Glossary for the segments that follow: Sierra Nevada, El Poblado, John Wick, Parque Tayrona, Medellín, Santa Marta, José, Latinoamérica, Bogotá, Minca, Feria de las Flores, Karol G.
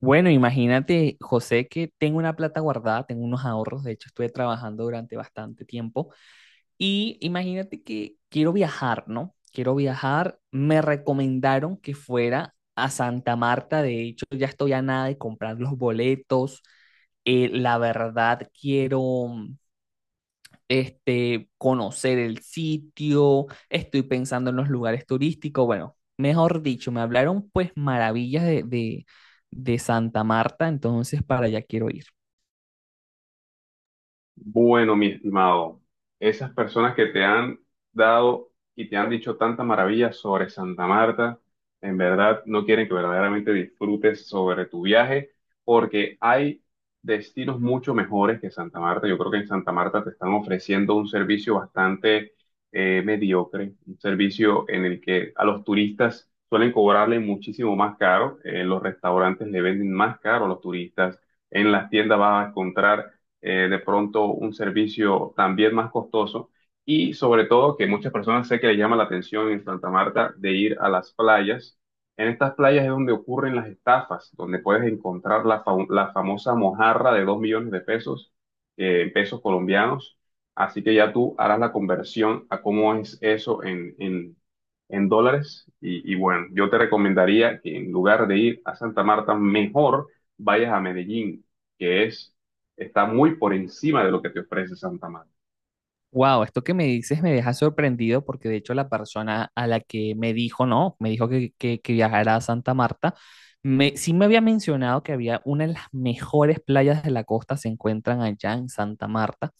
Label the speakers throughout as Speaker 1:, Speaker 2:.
Speaker 1: Bueno, imagínate, José, que tengo una plata guardada, tengo unos ahorros. De hecho estuve trabajando durante bastante tiempo y imagínate que quiero viajar, ¿no? Quiero viajar, me recomendaron que fuera a Santa Marta, de hecho ya estoy a nada de comprar los boletos, la verdad quiero, conocer el sitio, estoy pensando en los lugares turísticos. Bueno, mejor dicho, me hablaron pues maravillas de Santa Marta, entonces para allá quiero ir.
Speaker 2: Bueno, mi estimado, esas personas que te han dado y te han dicho tantas maravillas sobre Santa Marta, en verdad no quieren que verdaderamente disfrutes sobre tu viaje, porque hay destinos mucho mejores que Santa Marta. Yo creo que en Santa Marta te están ofreciendo un servicio bastante mediocre, un servicio en el que a los turistas suelen cobrarle muchísimo más caro, en los restaurantes le venden más caro a los turistas, en las tiendas vas a encontrar de pronto un servicio también más costoso y sobre todo que muchas personas sé que les llama la atención en Santa Marta de ir a las playas. En estas playas es donde ocurren las estafas, donde puedes encontrar la famosa mojarra de 2 millones de pesos, en pesos colombianos. Así que ya tú harás la conversión a cómo es eso en dólares. Y bueno, yo te recomendaría que en lugar de ir a Santa Marta, mejor vayas a Medellín, que es está muy por encima de lo que te ofrece Santa Marta.
Speaker 1: Wow, esto que me dices me deja sorprendido, porque de hecho la persona a la que me dijo, no, me dijo que viajara a Santa Marta, me, sí me había mencionado que había una de las mejores playas de la costa se encuentran allá en Santa Marta.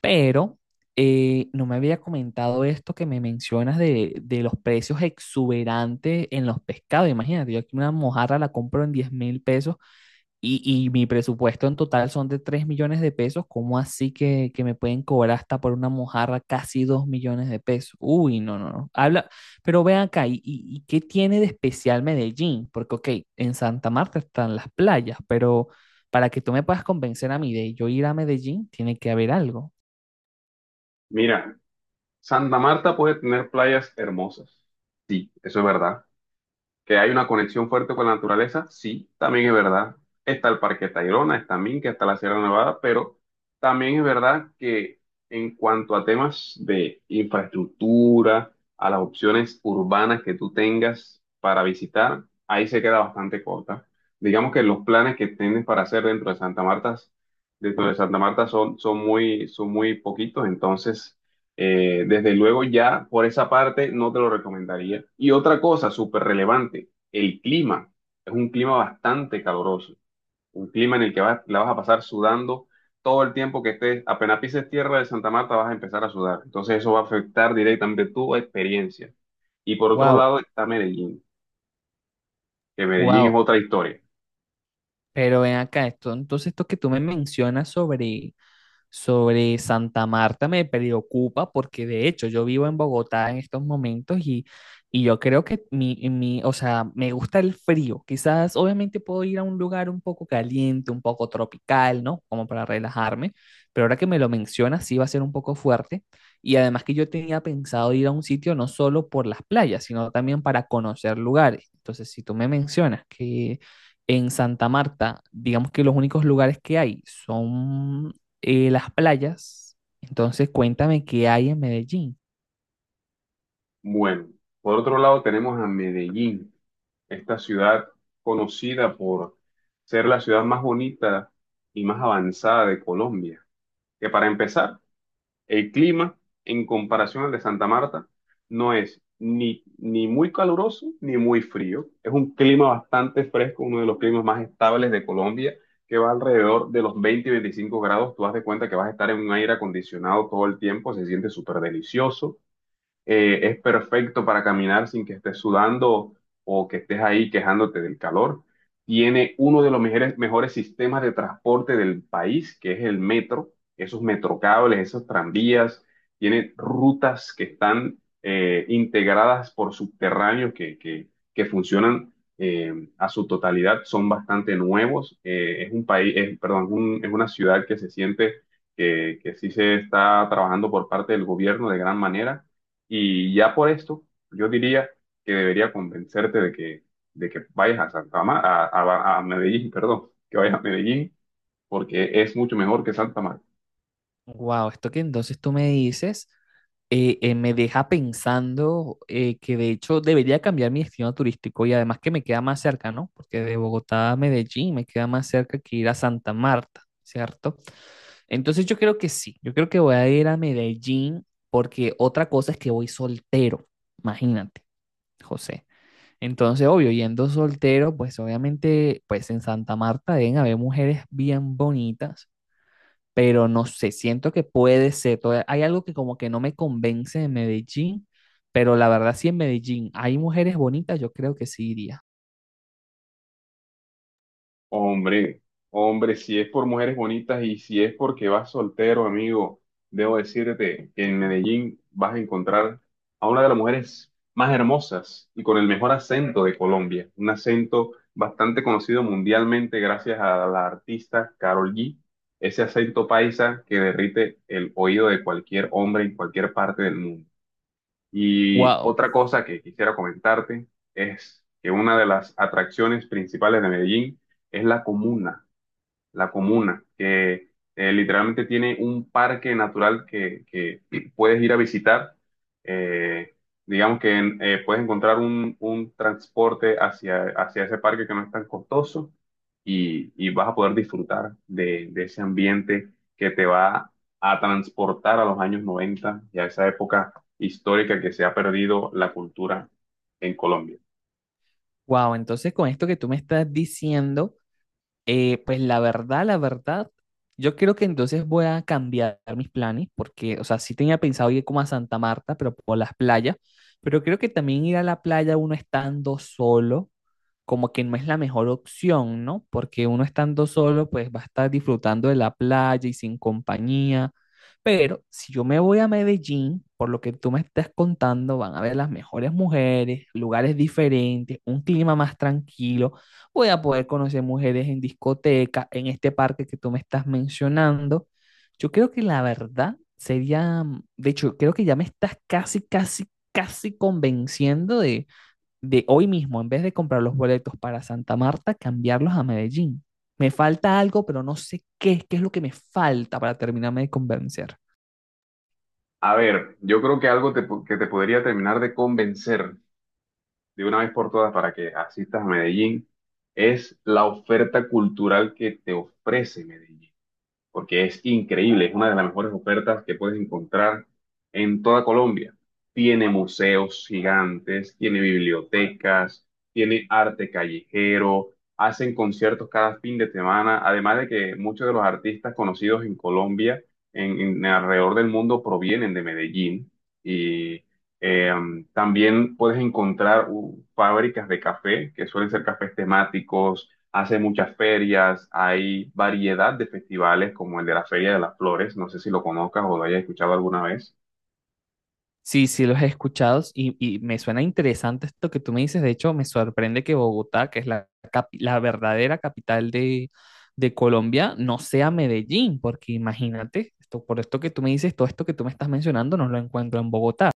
Speaker 1: Pero no me había comentado esto que me mencionas de los precios exuberantes en los pescados. Imagínate, yo aquí una mojarra la compro en 10.000 pesos, y mi presupuesto en total son de 3.000.000 de pesos. ¿Cómo así que me pueden cobrar hasta por una mojarra casi 2.000.000 de pesos? Uy, no, no, no. Habla, pero ve acá, ¿y qué tiene de especial Medellín? Porque, ok, en Santa Marta están las playas, pero para que tú me puedas convencer a mí de yo ir a Medellín, tiene que haber algo.
Speaker 2: Mira, Santa Marta puede tener playas hermosas. Sí, eso es verdad. Que hay una conexión fuerte con la naturaleza, sí, también es verdad. Está el Parque Tayrona, está Minca, está la Sierra Nevada, pero también es verdad que en cuanto a temas de infraestructura, a las opciones urbanas que tú tengas para visitar, ahí se queda bastante corta. Digamos que los planes que tienes para hacer dentro de Santa Marta son muy poquitos, entonces desde luego ya por esa parte no te lo recomendaría. Y otra cosa súper relevante, el clima. Es un clima bastante caluroso. Un clima en el que vas, la vas a pasar sudando todo el tiempo que estés. Apenas pises tierra de Santa Marta vas a empezar a sudar. Entonces eso va a afectar directamente tu experiencia. Y por otro
Speaker 1: Wow,
Speaker 2: lado está Medellín, que Medellín es
Speaker 1: wow.
Speaker 2: otra historia.
Speaker 1: Pero ven acá esto. Entonces, esto que tú me mencionas sobre Santa Marta me preocupa, porque de hecho yo vivo en Bogotá en estos momentos y yo creo que o sea, me gusta el frío. Quizás obviamente puedo ir a un lugar un poco caliente, un poco tropical, ¿no? Como para relajarme, pero ahora que me lo mencionas sí va a ser un poco fuerte. Y además que yo tenía pensado ir a un sitio no solo por las playas, sino también para conocer lugares. Entonces, si tú me mencionas que en Santa Marta, digamos que los únicos lugares que hay son las playas. Entonces, cuéntame qué hay en Medellín.
Speaker 2: Bueno, por otro lado tenemos a Medellín. Esta ciudad conocida por ser la ciudad más bonita y más avanzada de Colombia. Que para empezar, el clima en comparación al de Santa Marta no es ni muy caluroso ni muy frío. Es un clima bastante fresco, uno de los climas más estables de Colombia, que va alrededor de los 20 y 25 grados. Tú haz de cuenta que vas a estar en un aire acondicionado todo el tiempo, se siente súper delicioso. Es perfecto para caminar sin que estés sudando o que estés ahí quejándote del calor. Tiene uno de los mejores, mejores sistemas de transporte del país, que es el metro, esos metrocables, esos tranvías. Tiene rutas que están integradas por subterráneos que funcionan a su totalidad, son bastante nuevos. Es un país, es, perdón, es una ciudad que se siente que sí se está trabajando por parte del gobierno de gran manera y ya por esto, yo diría que debería convencerte de que vayas a a Medellín, perdón, que vayas a Medellín, porque es mucho mejor que Santa Marta.
Speaker 1: Wow, esto que entonces tú me dices me deja pensando, que de hecho debería cambiar mi destino turístico, y además que me queda más cerca, ¿no? Porque de Bogotá a Medellín me queda más cerca que ir a Santa Marta, ¿cierto? Entonces yo creo que sí, yo creo que voy a ir a Medellín, porque otra cosa es que voy soltero, imagínate, José. Entonces, obvio, yendo soltero, pues obviamente, pues en Santa Marta deben haber mujeres bien bonitas, pero no sé, siento que puede ser. Hay algo que como que no me convence de Medellín, pero la verdad sí en Medellín hay mujeres bonitas, yo creo que sí iría.
Speaker 2: Hombre, hombre, si es por mujeres bonitas y si es porque vas soltero, amigo, debo decirte que en Medellín vas a encontrar a una de las mujeres más hermosas y con el mejor acento de Colombia, un acento bastante conocido mundialmente gracias a la artista Karol G, ese acento paisa que derrite el oído de cualquier hombre en cualquier parte del mundo. Y
Speaker 1: Wow,
Speaker 2: otra cosa que quisiera comentarte es que una de las atracciones principales de Medellín es la comuna, que literalmente tiene un parque natural que puedes ir a visitar. Eh, digamos que puedes encontrar un transporte hacia ese parque que no es tan costoso y vas a poder disfrutar de ese ambiente que te va a transportar a los años 90 y a esa época histórica que se ha perdido la cultura en Colombia.
Speaker 1: wow. Entonces, con esto que tú me estás diciendo, eh, pues la verdad, yo creo que entonces voy a cambiar mis planes porque, o sea, sí tenía pensado ir como a Santa Marta, pero por las playas. Pero creo que también ir a la playa uno estando solo, como que no es la mejor opción, ¿no? Porque uno estando solo, pues va a estar disfrutando de la playa y sin compañía, pero si yo me voy a Medellín, por lo que tú me estás contando, van a ver las mejores mujeres, lugares diferentes, un clima más tranquilo, voy a poder conocer mujeres en discoteca, en este parque que tú me estás mencionando. Yo creo que la verdad sería, de hecho, creo que ya me estás casi, casi, casi convenciendo de hoy mismo, en vez de comprar los boletos para Santa Marta, cambiarlos a Medellín. Me falta algo, pero no sé qué, qué es lo que me falta para terminarme de convencer.
Speaker 2: A ver, yo creo que algo que te podría terminar de convencer de una vez por todas para que asistas a Medellín es la oferta cultural que te ofrece Medellín porque es increíble, es una de las mejores ofertas que puedes encontrar en toda Colombia. Tiene museos gigantes, tiene bibliotecas, tiene arte callejero, hacen conciertos cada fin de semana, además de que muchos de los artistas conocidos en Colombia, en alrededor del mundo, provienen de Medellín y eh, también puedes encontrar fábricas de café, que suelen ser cafés temáticos. Hace muchas ferias, hay variedad de festivales como el de la Feria de las Flores, no sé si lo conozcas o lo hayas escuchado alguna vez.
Speaker 1: Sí, sí, los he escuchado, y me suena interesante esto que tú me dices. De hecho, me sorprende que Bogotá, que es la verdadera capital de Colombia, no sea Medellín, porque imagínate, esto, por esto que tú me dices, todo esto que tú me estás mencionando, no lo encuentro en Bogotá.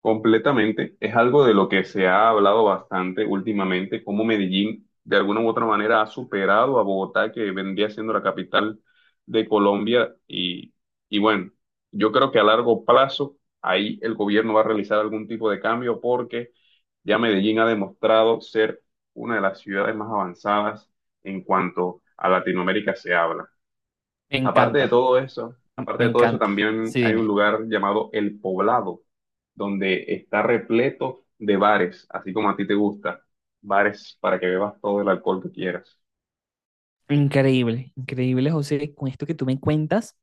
Speaker 2: Completamente, es algo de lo que se ha hablado bastante últimamente, cómo Medellín de alguna u otra manera ha superado a Bogotá, que vendría siendo la capital de Colombia. Y bueno, yo creo que a largo plazo ahí el gobierno va a realizar algún tipo de cambio porque ya Medellín ha demostrado ser una de las ciudades más avanzadas en cuanto a Latinoamérica se habla.
Speaker 1: Me
Speaker 2: Aparte de
Speaker 1: encanta,
Speaker 2: todo eso, aparte
Speaker 1: me
Speaker 2: de todo eso,
Speaker 1: encanta.
Speaker 2: también
Speaker 1: Sí,
Speaker 2: hay un
Speaker 1: dime.
Speaker 2: lugar llamado El Poblado, donde está repleto de bares, así como a ti te gusta, bares para que bebas todo el alcohol que quieras.
Speaker 1: Increíble, increíble, José, con esto que tú me cuentas.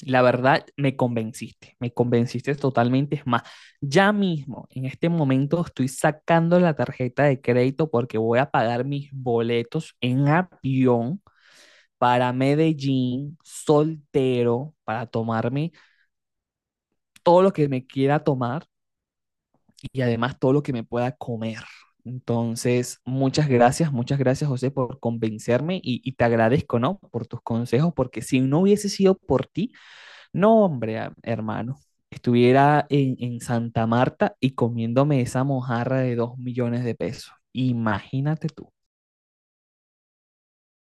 Speaker 1: La verdad, me convenciste totalmente. Es más, ya mismo, en este momento, estoy sacando la tarjeta de crédito porque voy a pagar mis boletos en avión para Medellín, soltero, para tomarme todo lo que me quiera tomar, y además todo lo que me pueda comer. Entonces, muchas gracias José por convencerme, y te agradezco, ¿no? Por tus consejos, porque si no hubiese sido por ti, no, hombre, hermano, estuviera en Santa Marta y comiéndome esa mojarra de 2.000.000 de pesos. Imagínate tú.